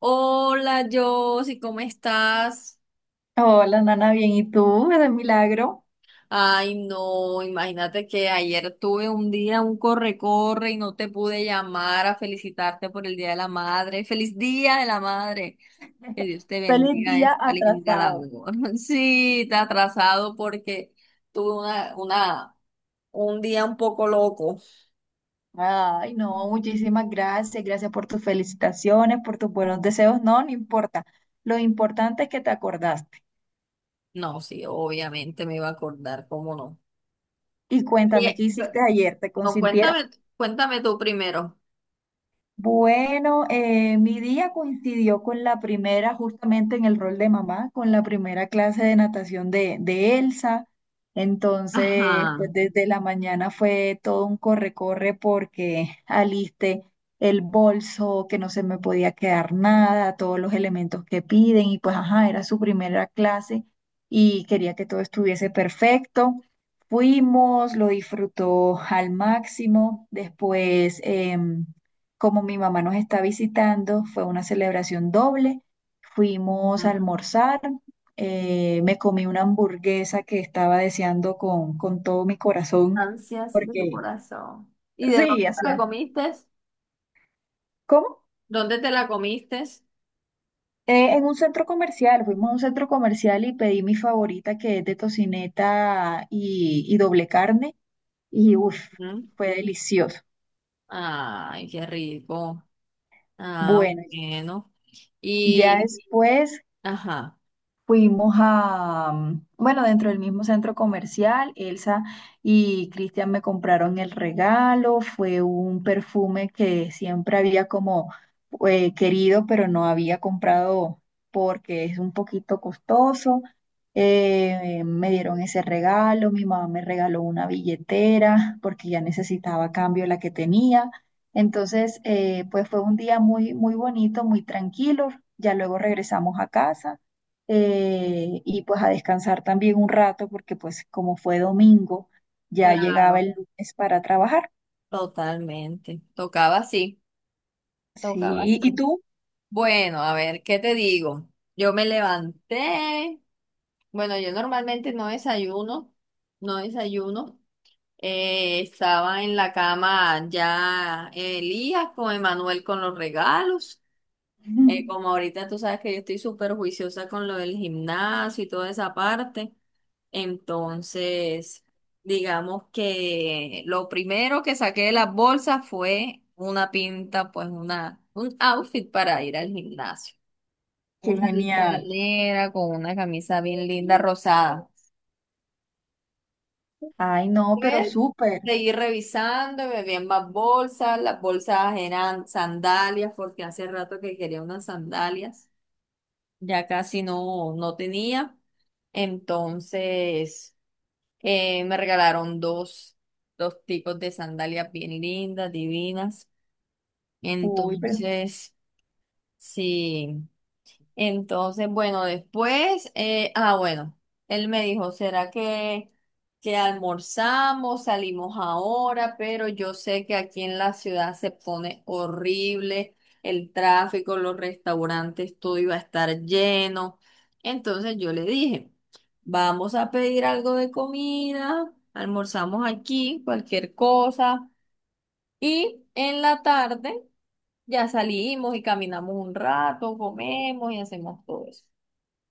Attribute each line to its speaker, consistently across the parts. Speaker 1: Hola, Josie, ¿cómo estás?
Speaker 2: Hola, Nana, bien. ¿Y tú? Es un milagro.
Speaker 1: Ay, no, imagínate que ayer tuve un día, un corre-corre y no te pude llamar a felicitarte por el Día de la Madre. ¡Feliz Día de la Madre! Que Dios te
Speaker 2: Feliz
Speaker 1: bendiga en
Speaker 2: día
Speaker 1: esta linda
Speaker 2: atrasado.
Speaker 1: labor. Sí, te he atrasado porque tuve un día un poco loco.
Speaker 2: Ay, no, muchísimas gracias. Gracias por tus felicitaciones, por tus buenos deseos. No, no importa. Lo importante es que te acordaste.
Speaker 1: No, sí, obviamente me iba a acordar, ¿cómo no?
Speaker 2: Y
Speaker 1: ¿Y
Speaker 2: cuéntame,
Speaker 1: qué?
Speaker 2: ¿qué hiciste ayer? ¿Te
Speaker 1: No,
Speaker 2: consintieron?
Speaker 1: cuéntame, cuéntame tú primero.
Speaker 2: Bueno, mi día coincidió con la primera, justamente en el rol de mamá, con la primera clase de natación de Elsa. Entonces,
Speaker 1: Ajá.
Speaker 2: pues desde la mañana fue todo un corre-corre porque alisté el bolso, que no se me podía quedar nada, todos los elementos que piden y pues, ajá, era su primera clase y quería que todo estuviese perfecto. Fuimos, lo disfrutó al máximo. Después... em, como mi mamá nos está visitando, fue una celebración doble. Fuimos a almorzar, me comí una hamburguesa que estaba deseando con todo mi corazón,
Speaker 1: Ansias de tu
Speaker 2: porque
Speaker 1: corazón. ¿Y de dónde
Speaker 2: sí,
Speaker 1: te
Speaker 2: hacía.
Speaker 1: la comiste?
Speaker 2: ¿Cómo?
Speaker 1: ¿Dónde te la comiste?
Speaker 2: En un centro comercial, fuimos a un centro comercial y pedí mi favorita que es de tocineta y doble carne, y uff,
Speaker 1: Ujú.
Speaker 2: fue delicioso.
Speaker 1: Ay, qué rico. Ah,
Speaker 2: Bueno,
Speaker 1: bueno.
Speaker 2: ya
Speaker 1: Y,
Speaker 2: después
Speaker 1: ajá,
Speaker 2: fuimos a, bueno, dentro del mismo centro comercial, Elsa y Cristian me compraron el regalo, fue un perfume que siempre había como querido, pero no había comprado porque es un poquito costoso. Me dieron ese regalo, mi mamá me regaló una billetera porque ya necesitaba cambio la que tenía. Entonces, pues fue un día muy, muy bonito, muy tranquilo. Ya luego regresamos a casa, y pues a descansar también un rato porque pues como fue domingo, ya llegaba
Speaker 1: claro,
Speaker 2: el lunes para trabajar.
Speaker 1: totalmente. Tocaba así, tocaba
Speaker 2: Sí, ¿y
Speaker 1: así.
Speaker 2: tú?
Speaker 1: Bueno, a ver, ¿qué te digo? Yo me levanté. Bueno, yo normalmente no desayuno, no desayuno. Estaba en la cama ya Elías con Emanuel con los regalos. Como ahorita tú sabes que yo estoy súper juiciosa con lo del gimnasio y toda esa parte, entonces digamos que lo primero que saqué de las bolsas fue una pinta, pues un outfit para ir al gimnasio.
Speaker 2: Qué
Speaker 1: Una listra
Speaker 2: genial.
Speaker 1: negra con una camisa bien linda rosada.
Speaker 2: Ay, no, pero
Speaker 1: Pues
Speaker 2: súper.
Speaker 1: seguí revisando, me vi en más bolsas, las bolsas eran sandalias porque hace rato que quería unas sandalias. Ya casi no, no tenía. Entonces, me regalaron dos tipos de sandalias bien lindas, divinas.
Speaker 2: Uy, pero
Speaker 1: Entonces, sí. Entonces, bueno, después, bueno, él me dijo, ¿será que almorzamos, salimos ahora? Pero yo sé que aquí en la ciudad se pone horrible el tráfico, los restaurantes, todo iba a estar lleno. Entonces yo le dije, vamos a pedir algo de comida, almorzamos aquí, cualquier cosa. Y en la tarde ya salimos y caminamos un rato, comemos y hacemos todo eso.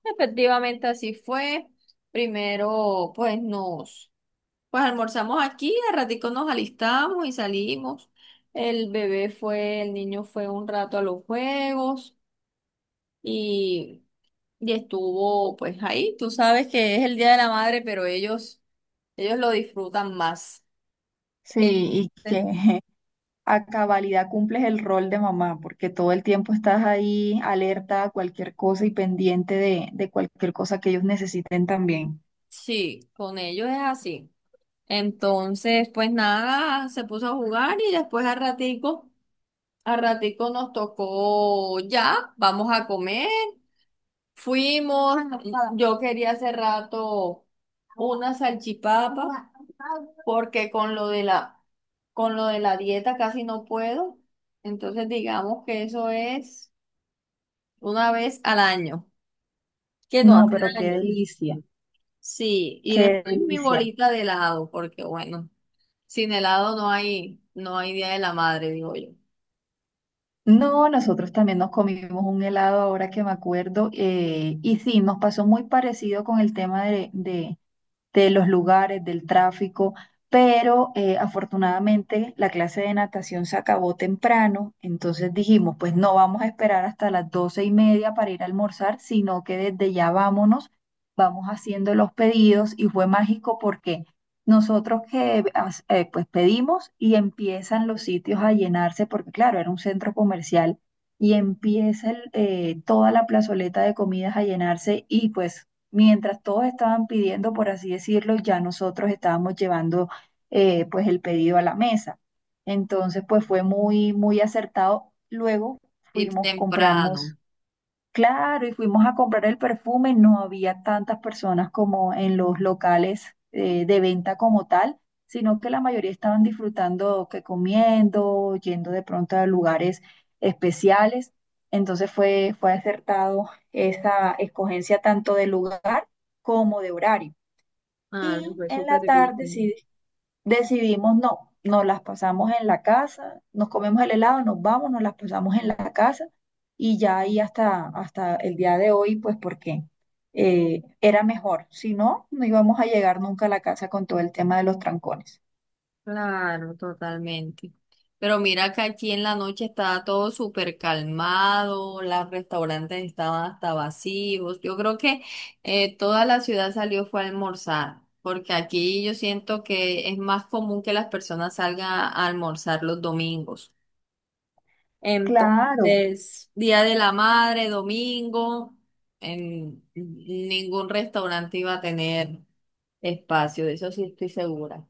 Speaker 1: Efectivamente, así fue. Primero, pues nos, pues almorzamos aquí, al ratico nos alistamos y salimos. El bebé fue, el niño fue un rato a los juegos y, y estuvo pues ahí. Tú sabes que es el Día de la Madre, pero ellos lo disfrutan más.
Speaker 2: sí,
Speaker 1: El-
Speaker 2: y
Speaker 1: eh,
Speaker 2: que a cabalidad cumples el rol de mamá, porque todo el tiempo estás ahí alerta a cualquier cosa y pendiente de cualquier cosa que ellos necesiten también.
Speaker 1: sí, con ellos es así. Entonces, pues nada, se puso a jugar y después al ratico. A ratico nos tocó ya, vamos a comer. Fuimos, yo quería hace rato una salchipapa porque con lo de la dieta casi no puedo. Entonces digamos que eso es una vez al año, que no
Speaker 2: No,
Speaker 1: hace
Speaker 2: pero qué
Speaker 1: daño.
Speaker 2: delicia,
Speaker 1: Sí, y
Speaker 2: qué
Speaker 1: después mi
Speaker 2: delicia.
Speaker 1: bolita de helado, porque bueno, sin helado no hay Día de la Madre, digo yo.
Speaker 2: No, nosotros también nos comimos un helado ahora que me acuerdo, y sí, nos pasó muy parecido con el tema de los lugares, del tráfico, pero afortunadamente la clase de natación se acabó temprano, entonces dijimos, pues no vamos a esperar hasta las 12:30 para ir a almorzar, sino que desde ya vámonos, vamos haciendo los pedidos y fue mágico porque nosotros pues pedimos y empiezan los sitios a llenarse, porque claro, era un centro comercial. Y empieza toda la plazoleta de comidas a llenarse y pues mientras todos estaban pidiendo, por así decirlo, ya nosotros estábamos llevando, pues el pedido a la mesa. Entonces, pues fue muy, muy acertado. Luego
Speaker 1: Ir
Speaker 2: fuimos,
Speaker 1: temprano.
Speaker 2: compramos. Claro, y fuimos a comprar el perfume, no había tantas personas como en los locales, de venta como tal, sino que la mayoría estaban disfrutando que comiendo, yendo de pronto a lugares especiales. Entonces fue, fue acertado esa escogencia tanto de lugar como de horario.
Speaker 1: Ah, les
Speaker 2: Y
Speaker 1: fue
Speaker 2: en la
Speaker 1: súper bien.
Speaker 2: tarde sí decidimos no, nos las pasamos en la casa, nos comemos el helado, nos vamos, nos las pasamos en la casa y ya ahí hasta, hasta el día de hoy, pues porque era mejor. Si no, no íbamos a llegar nunca a la casa con todo el tema de los trancones.
Speaker 1: Claro, totalmente. Pero mira que aquí en la noche estaba todo súper calmado, los restaurantes estaban hasta vacíos. Yo creo que toda la ciudad salió fue a almorzar, porque aquí yo siento que es más común que las personas salgan a almorzar los domingos.
Speaker 2: Claro.
Speaker 1: Entonces, Día de la Madre, domingo, en ningún restaurante iba a tener espacio, de eso sí estoy segura.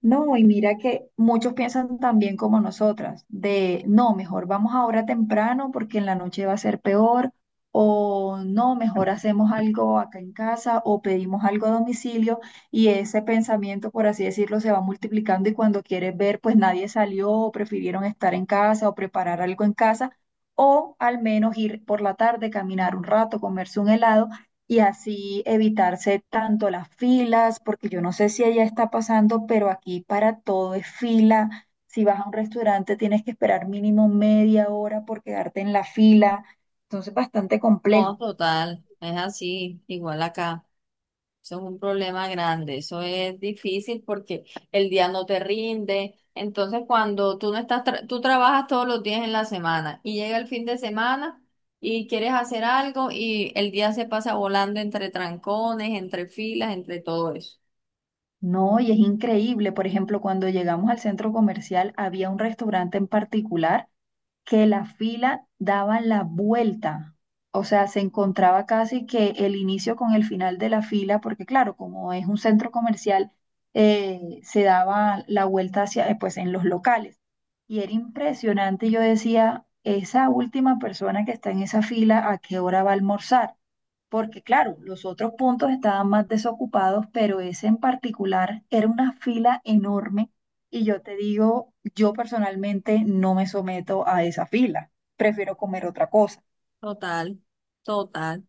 Speaker 2: No, y mira que muchos piensan también como nosotras, de no, mejor vamos ahora temprano porque en la noche va a ser peor, o no, mejor hacemos algo acá en casa o pedimos algo a domicilio, y ese pensamiento, por así decirlo, se va multiplicando y cuando quieres ver, pues nadie salió o prefirieron estar en casa o preparar algo en casa, o al menos ir por la tarde, caminar un rato, comerse un helado y así evitarse tanto las filas, porque yo no sé si allá está pasando, pero aquí para todo es fila. Si vas a un restaurante tienes que esperar mínimo media hora por quedarte en la fila. Entonces, bastante
Speaker 1: No,
Speaker 2: complejo.
Speaker 1: total, es así, igual acá. Eso es un problema grande, eso es difícil porque el día no te rinde. Entonces, cuando tú no estás, tra- tú trabajas todos los días en la semana y llega el fin de semana y quieres hacer algo y el día se pasa volando entre trancones, entre filas, entre todo eso.
Speaker 2: No, y es increíble. Por ejemplo, cuando llegamos al centro comercial, había un restaurante en particular que la fila daba la vuelta. O sea, se encontraba casi que el inicio con el final de la fila, porque claro, como es un centro comercial, se daba la vuelta hacia, pues, en los locales. Y era impresionante. Yo decía, esa última persona que está en esa fila, ¿a qué hora va a almorzar? Porque claro, los otros puntos estaban más desocupados, pero ese en particular era una fila enorme y yo te digo, yo personalmente no me someto a esa fila, prefiero comer otra cosa.
Speaker 1: Total, total.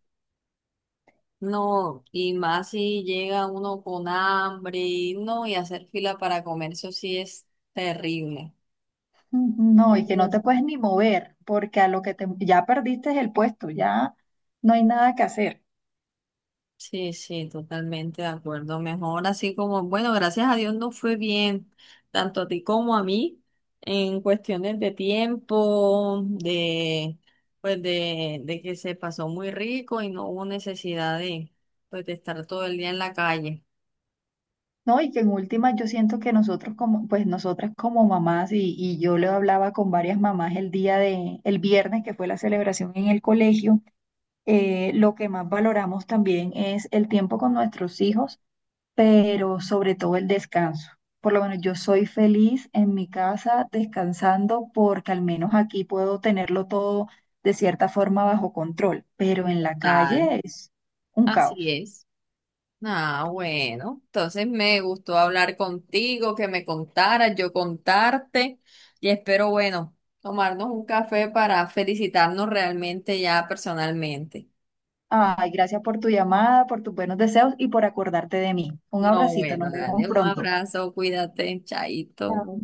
Speaker 1: No, y más si llega uno con hambre, no, y hacer fila para comer, eso sí es terrible.
Speaker 2: No, y que no te puedes ni mover, porque a lo que te, ya perdiste el puesto, ya no hay nada que hacer.
Speaker 1: Sí, sí, totalmente de acuerdo. Mejor así como, bueno, gracias a Dios no fue bien, tanto a ti como a mí, en cuestiones de tiempo, pues de que se pasó muy rico y no hubo necesidad de, pues de estar todo el día en la calle.
Speaker 2: No, y que en últimas yo siento que nosotros como, pues nosotras como mamás, y yo le hablaba con varias mamás el día de, el viernes que fue la celebración en el colegio, lo que más valoramos también es el tiempo con nuestros hijos, pero sobre todo el descanso. Por lo menos yo soy feliz en mi casa descansando porque al menos aquí puedo tenerlo todo de cierta forma bajo control, pero en la
Speaker 1: Tal,
Speaker 2: calle es un
Speaker 1: así
Speaker 2: caos.
Speaker 1: es. Ah, bueno, entonces me gustó hablar contigo, que me contaras, yo contarte y espero, bueno, tomarnos un café para felicitarnos realmente ya personalmente.
Speaker 2: Ay, gracias por tu llamada, por tus buenos deseos y por acordarte de mí. Un
Speaker 1: No,
Speaker 2: abracito,
Speaker 1: bueno,
Speaker 2: nos vemos
Speaker 1: dale un
Speaker 2: pronto.
Speaker 1: abrazo, cuídate, chaito.
Speaker 2: Chao.